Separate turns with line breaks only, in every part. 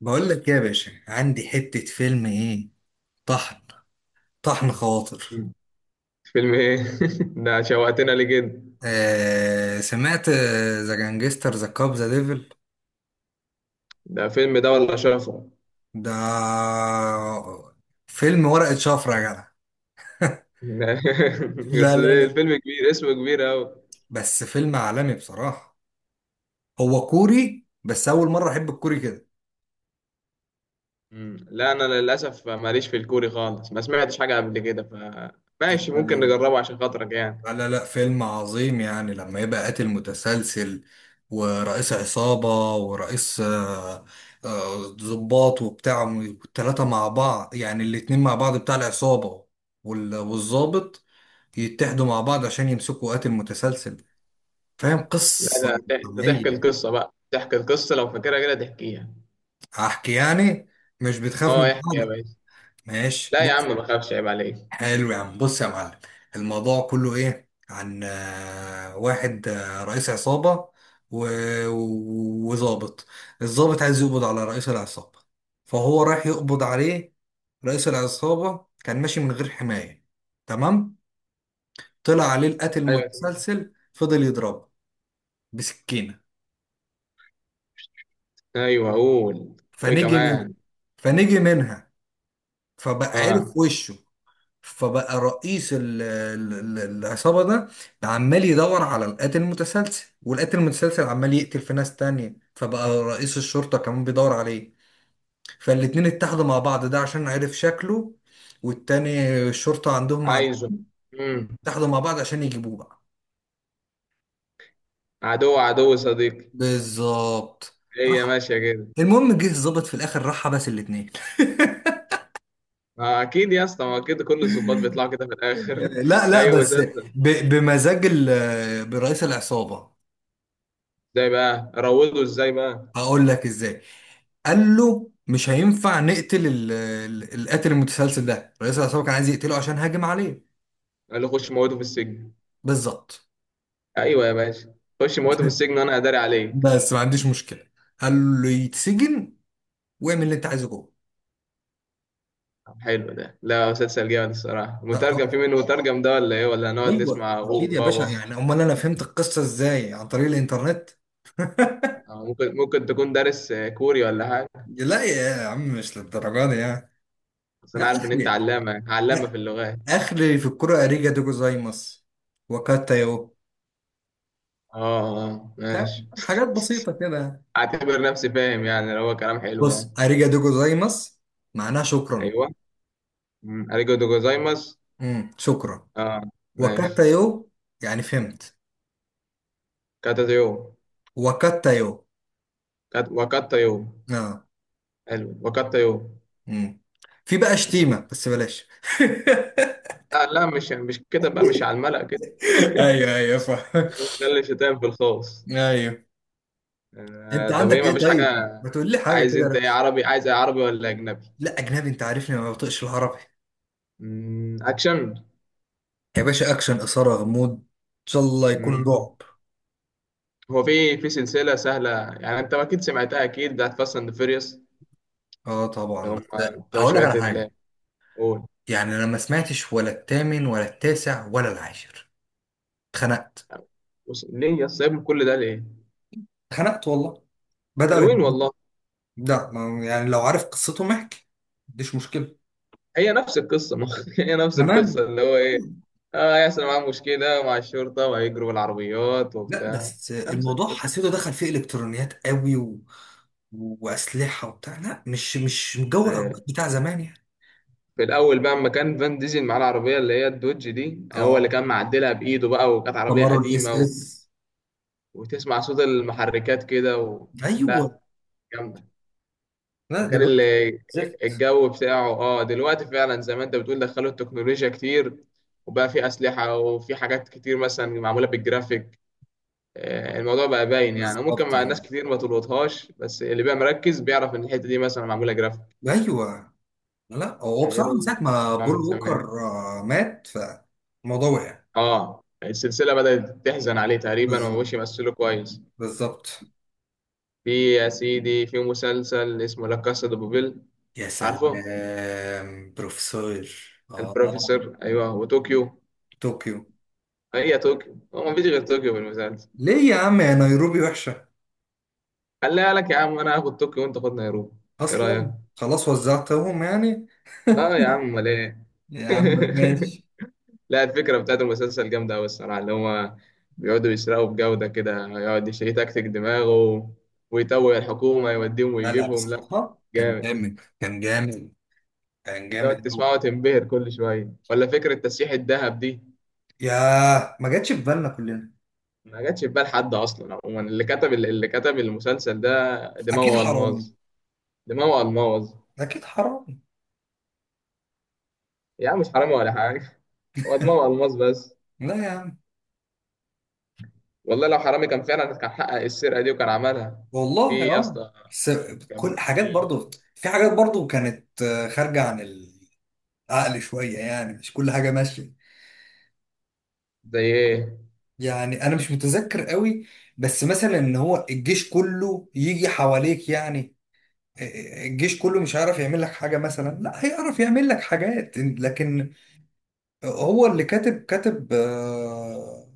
بقول لك إيه يا باشا، عندي حتة فيلم ايه طحن. طحن خواطر.
مم. فيلم ايه؟ ده شوقتنا ليه كده؟
آه سمعت، ذا جانجستر ذا كاب ذا ديفل.
ده فيلم ده ولا شفرة؟
ده فيلم ورقة شفرة يا جدع. لا
بس
لا
ليه
لا.
الفيلم كبير، اسمه كبير أوي؟
بس فيلم عالمي بصراحة. هو كوري، بس أول مرة أحب الكوري كده.
مم. لا، أنا للأسف ماليش في الكوري خالص، ما سمعتش حاجة قبل كده.
لا
فماشي،
لا
ممكن
لا،
نجربه عشان خاطرك
لا
يعني.
لا لا، فيلم عظيم يعني لما يبقى قاتل متسلسل ورئيس عصابة ورئيس ضباط وبتاع، والتلاتة مع بعض، يعني الاتنين مع بعض بتاع العصابة، والضابط يتحدوا مع بعض عشان يمسكوا قاتل متسلسل. فاهم
لا
قصة
ده ده تحكي
طبيعية؟
القصة بقى، تحكي القصة لو فاكرها كده تحكيها.
أحكي يعني، مش بتخاف من
اه احكي يا
حاجة؟
باشا.
ماشي.
لا يا عم ما خافش، عيب عليك.
حلو يا عم، بص يا معلم. الموضوع كله ايه؟ عن واحد، رئيس عصابة وظابط. الظابط عايز يقبض على رئيس العصابة، فهو رايح يقبض عليه. رئيس العصابة كان ماشي من غير حماية، تمام، طلع عليه القاتل
ايوه تمام.
المتسلسل فضل يضربه بسكينة.
ايوه قول. وايه
فنجي من
كمان؟
فنجي منها، فبقى
اه
عرف وشه. فبقى رئيس العصابة ده عمال يدور على القاتل المتسلسل، والقاتل المتسلسل عمال يقتل في ناس تانية، فبقى رئيس الشرطة كمان بيدور عليه. فالاتنين اتحدوا مع بعض، ده عشان عرف شكله، والتاني الشرطة عندهم مع.
عايزه. امم.
اتحدوا مع بعض عشان يجيبوه بقى.
عدو عدو صديقي.
بالظبط.
هي
راح،
ماشية كده.
المهم جه الظابط في الاخر، راح بس الاتنين.
ما اكيد يا اسطى، ما اكيد كل الظباط بيطلعوا كده في الاخر.
لا لا
ايوه،
بس،
مسلسل.
بمزاج برئيس العصابة.
ازاي بقى روضه ازاي بقى؟
هقول لك ازاي. قال له مش هينفع نقتل القاتل المتسلسل ده، رئيس العصابه كان عايز يقتله عشان هاجم عليه.
قال له خش موته في السجن.
بالظبط.
ايوه يا باشا. خش موته في السجن وانا اداري عليك.
بس ما عنديش مشكله. قال له يتسجن واعمل اللي انت عايزه جوه.
طب حلو ده. لا مسلسل جامد الصراحه.
لا
مترجم؟
طبعا.
في منه مترجم ده ولا ايه، ولا هنقعد
ايوه
نسمع هو
اكيد يا باشا،
بابا؟
يعني امال انا فهمت القصه ازاي؟ عن طريق الانترنت.
ممكن تكون دارس كوري ولا حاجه.
لا يا عم مش للدرجه دي يعني.
بس انا
لا
عارف ان انت
اخلي.
علامه علامه
لا،
في اللغات.
اخلي في الكره اريجا دوجو زايمس وكاتا يو.
اه اه ماشي.
فاهم؟ حاجات بسيطه كده.
اعتبر نفسي فاهم يعني، لو هو كلام حلو
بص،
يعني.
اريجادو جوزايماس معناها شكرا.
ايوه. اريجو دو جوزايماس.
شكرا.
اه ماشي.
وكاتايو يعني فهمت.
كاتاتيو.
وكاتايو،
وكاتايو.
اه.
حلو، وكاتايو.
امم. في بقى
ماشي.
شتيمة بس بلاش.
لا لا، مش كده بقى، مش على الملأ كده.
ايوه ايوه صح.
ده اللي شتام في الخاص.
ايوه. انت
طب ايه؟
عندك ايه؟
مفيش
طيب
حاجة؟
ما تقول لي حاجه
عايز
كده
انت
لو-.
ايه؟ عربي، عايز ايه؟ عربي ولا اجنبي؟
لا اجنبي، انت عارفني ما بطيقش العربي.
اكشن.
يا باشا اكشن، اثاره، غموض، ان شاء الله يكون
مم.
رعب.
هو في سلسلة سهلة يعني، انت اكيد سمعتها، اكيد، بتاعت فاست اند فيريوس.
اه
اللي
طبعا
هم
بس.
بتوع
هقول لك
شوية
على
اللي...
حاجه.
قول.
يعني انا ما سمعتش ولا الثامن ولا التاسع ولا العاشر، اتخنقت.
بص، ليه يا سايبهم كل ده ليه؟
اتخنقت والله، بدأوا
حلوين
يهاجموا.
والله.
لا ما-، يعني لو عارف قصتهم احكي، مفيش مشكلة.
هي نفس القصة. ما هي نفس القصة،
تمام.
اللي هو ايه، اه يحصل معاهم مشكلة مع الشرطة وهيجروا بالعربيات
لا
وبتاع.
بس
نفس
الموضوع
القصة.
حسيته دخل فيه الكترونيات قوي و... واسلحه وبتاع، لا مش مش جو
آه.
العربيات بتاع زمان يعني.
في الأول بقى أما كان فان ديزل معاه العربية، اللي هي الدوج دي هو اللي
اه،
كان معدلها بإيده بقى، وكانت عربية
كامارو
قديمة
الاس
و...
اس.
وتسمع صوت المحركات كده و...
ايوه.
لا جامدة.
لا
وكان
دلوقتي
اللي
زفت.
الجو بتاعه، اه دلوقتي فعلا زي ما انت بتقول، دخلوا التكنولوجيا كتير، وبقى في أسلحة وفي حاجات كتير مثلا معمولة بالجرافيك. الموضوع بقى باين يعني، وممكن
بالظبط.
مع
اه.
ناس كتير ما تلقطهاش، بس اللي بقى مركز بيعرف ان الحته دي مثلا معموله جرافيك.
ايوه. لا هو
غير
بصراحه من
اللي
ساعه
كان
ما
بيسمع
بول
من زمان.
ووكر مات، فالموضوع وقع.
اه، السلسله بدات تحزن عليه تقريبا
بالظبط،
ومش يمثله كويس.
بالظبط.
في يا سيدي في مسلسل اسمه لا كاسا دي بوبيل.
يا
عارفه؟
سلام، بروفيسور. اه،
البروفيسور، ايوه، وطوكيو.
طوكيو.
هي طوكيو. هو مفيش غير طوكيو في المسلسل؟
ليه يا عم؟ يا نيروبي وحشة؟
خليها لك يا عم، انا هاخد طوكيو وانت خد نيروبي. ايه رايك؟
أصلا خلاص وزعتهم يعني.
اه يا عم، امال ايه؟
يا عم ماشي.
لا الفكرة بتاعت المسلسل جامدة أوي الصراحة، اللي هما بيقعدوا يسرقوا بجودة كده، يقعد يتكتك دماغه ويتوه الحكومة، يوديهم
لا لا،
ويجيبهم. لا
بصراحة كان
جامد.
جامد، كان جامد. كان
تقعد
جامد أوي.
تسمعه وتنبهر كل شوية، ولا فكرة تسييح الذهب دي.
ياه، ما جاتش في بالنا كلنا.
ما جاتش في بال حد أصلا. عموما، اللي كتب المسلسل ده
أكيد
دماغه
حرامي،
ألماظ. دماغه ألماظ.
أكيد حرامي.
يا عم مش حرامي ولا حاجة، هو دماغه ألماظ بس.
لا يا عم.
والله لو حرامي كان فعلا كان حقق السرقة دي وكان عملها.
والله
في يا
أه.
اسطى.
بس
كان
كل حاجات
في...
برضو، في حاجات برضو كانت خارجة عن العقل شوية، يعني مش كل حاجة ماشية.
زي إيه؟
يعني أنا مش متذكر قوي، بس مثلا إن هو الجيش كله يجي حواليك يعني. الجيش كله مش هيعرف يعمل لك حاجة مثلا، لا هيعرف يعمل لك حاجات لكن. هو اللي كاتب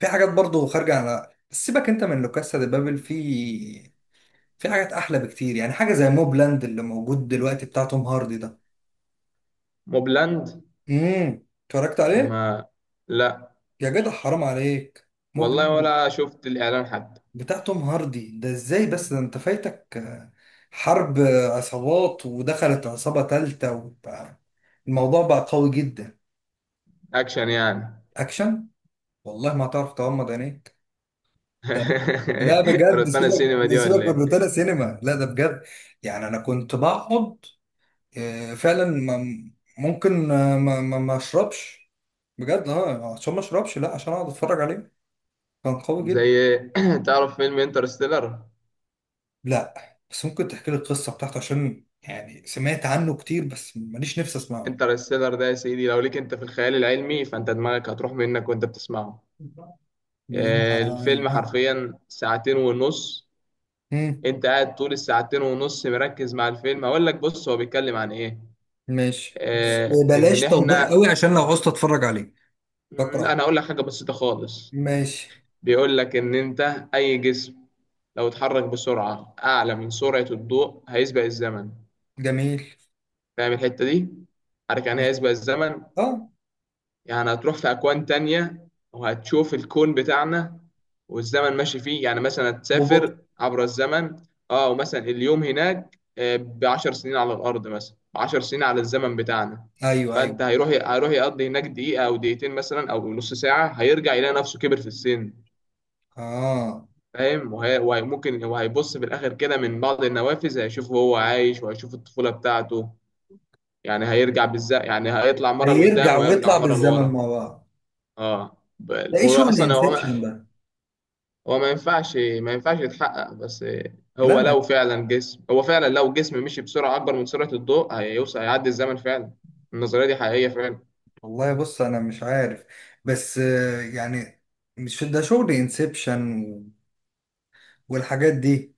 في حاجات برضه خارجة على. سيبك انت من لوكاسا دي بابل، في حاجات احلى بكتير يعني، حاجة زي موبلاند اللي موجود دلوقتي بتاع توم هاردي ده.
موبلاند؟
امم، اتفرجت عليه.
ما لا،
يا جدع حرام عليك،
والله
موبلاند
ولا شفت الإعلان حتى.
بتاع توم هاردي ده ازاي؟ بس ده انت فايتك حرب عصابات، ودخلت عصابة تالتة، وبقى الموضوع بقى قوي جدا.
أكشن يعني؟
اكشن. والله ما هتعرف تغمض عينيك. ده لا بجد
روتانا
سيبك.
السينما دي ولا
سيبك من
إيه؟
روتانا سينما، لا ده بجد. يعني انا كنت بقعد فعلا ما-، ممكن ما اشربش، بجد اه، عشان ما اشربش. لا عشان اقعد اتفرج عليه. كان قوي جدا.
زي تعرف فيلم انترستيلر؟
لا بس ممكن تحكي لي القصه بتاعته عشان يعني سمعت عنه كتير بس ماليش نفسي اسمعه.
انترستيلر ده يا سيدي، لو ليك انت في الخيال العلمي فانت دماغك هتروح منك وانت بتسمعه.
لا.
الفيلم حرفيا ساعتين ونص.
مم.
انت قاعد طول الساعتين ونص مركز مع الفيلم. هقول لك، بص، هو بيتكلم عن ايه.
ماشي بس
آه، ان
بلاش توضيح
احنا
قوي عشان لو عوزت اتفرج عليه
م،
بكره.
انا هقول لك حاجة بسيطة خالص.
ماشي.
بيقول لك ان انت اي جسم لو اتحرك بسرعة أعلى من سرعة الضوء هيسبق الزمن.
جميل.
فاهم الحتة دي؟ عارف يعني إيه هيسبق الزمن؟
اه.
يعني هتروح في أكوان تانية وهتشوف الكون بتاعنا والزمن ماشي فيه، يعني مثلا
ببطء.
هتسافر عبر الزمن. اه، ومثلا اليوم هناك ب10 سنين على الأرض، مثلا ب10 سنين على الزمن بتاعنا.
ايوه ايوه.
فأنت هيروح يقضي هناك دقيقة أو دقيقتين مثلا أو نص ساعة، هيرجع يلاقي نفسه كبر في السن.
اه.
فاهم؟ ممكن هو هيبص في الاخر كده من بعض النوافذ، هيشوف هو عايش وهيشوف الطفوله بتاعته. يعني هيرجع بالذات، يعني هيطلع مره لقدام
هيرجع
وهيرجع
ويطلع
مره
بالزمن
لورا.
مع بعض.
اه،
ده ايه؟
هو
شغل
اصلا هو ما
انسبشن ده.
هو ما ينفعش ما ينفعش يتحقق. بس
لا ما-.
هو فعلا لو جسم مشي بسرعه اكبر من سرعه الضوء هيوصل، هيعدي الزمن فعلا. النظريه دي حقيقيه فعلا.
والله بص انا مش عارف، بس يعني مش ده شغل انسبشن والحاجات دي.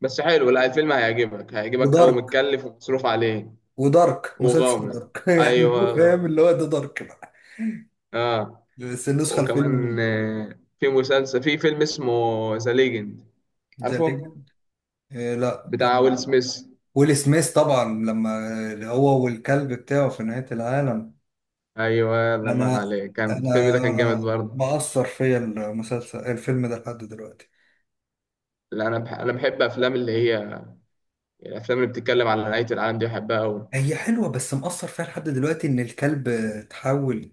بس حلو، لا الفيلم هيعجبك قوي،
ودارك
متكلف ومصروف عليه.
ودارك مسلسل
وغامض.
دارك. يعني هو
ايوه.
فاهم اللي هو ده، دارك بقى.
اه.
بس النسخه الفيلم
وكمان
من.
في فيلم اسمه ذا ليجند،
ذا
عارفه؟
ليجند. لا
بتاع
كان.
ويل سميث.
ويل سميث طبعا، لما هو والكلب بتاعه في نهايه العالم.
ايوه، الله ينور
انا
عليك، كان الفيلم
انا
ده كان جامد برضه.
مأثر فيا المسلسل الفيلم ده لحد دلوقتي.
لا انا بح انا بحب افلام اللي هي الافلام اللي بتتكلم على نهايه العالم دي، بحبها قوي.
هي حلوة، بس مأثر فيها لحد دلوقتي ان الكلب اتحول،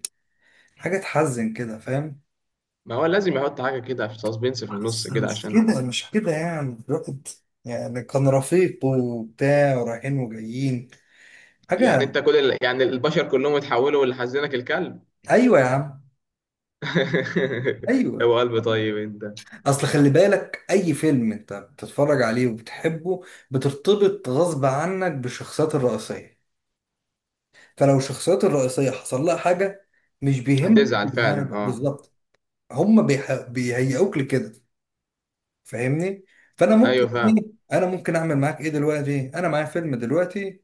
حاجة تحزن كده فاهم.
ما هو لازم يحط حاجه كده في سسبنس في النص كده
مش
عشان...
كده، مش كده، يعني الواحد يعني كان رفيق وبتاع ورايحين وجايين حاجة.
يعني انت يعني البشر كلهم اتحولوا، اللي حزنك الكلب؟
ايوه يا عم. ايوه.
هو قلب طيب انت.
اصل خلي بالك، اي فيلم انت بتتفرج عليه وبتحبه بترتبط غصب عنك بالشخصيات الرئيسية. فلو الشخصيات الرئيسية حصل لها حاجة، مش بيهمك
هتزعل
كل
فعلا،
حاجة
اه.
بالظبط. هم بيح- بيهيئوك لكده، فاهمني؟ فانا ممكن
ايوه فاهم.
ايه، انا ممكن اعمل معاك ايه دلوقتي؟ انا معايا فيلم دلوقتي،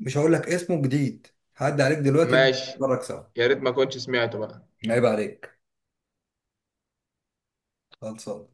مش هقول لك اسمه جديد. هعدي عليك دلوقتي
ماشي.
نتفرج سوا.
يا ريت ما كنتش سمعته بقى.
عيب عليك. خلصان.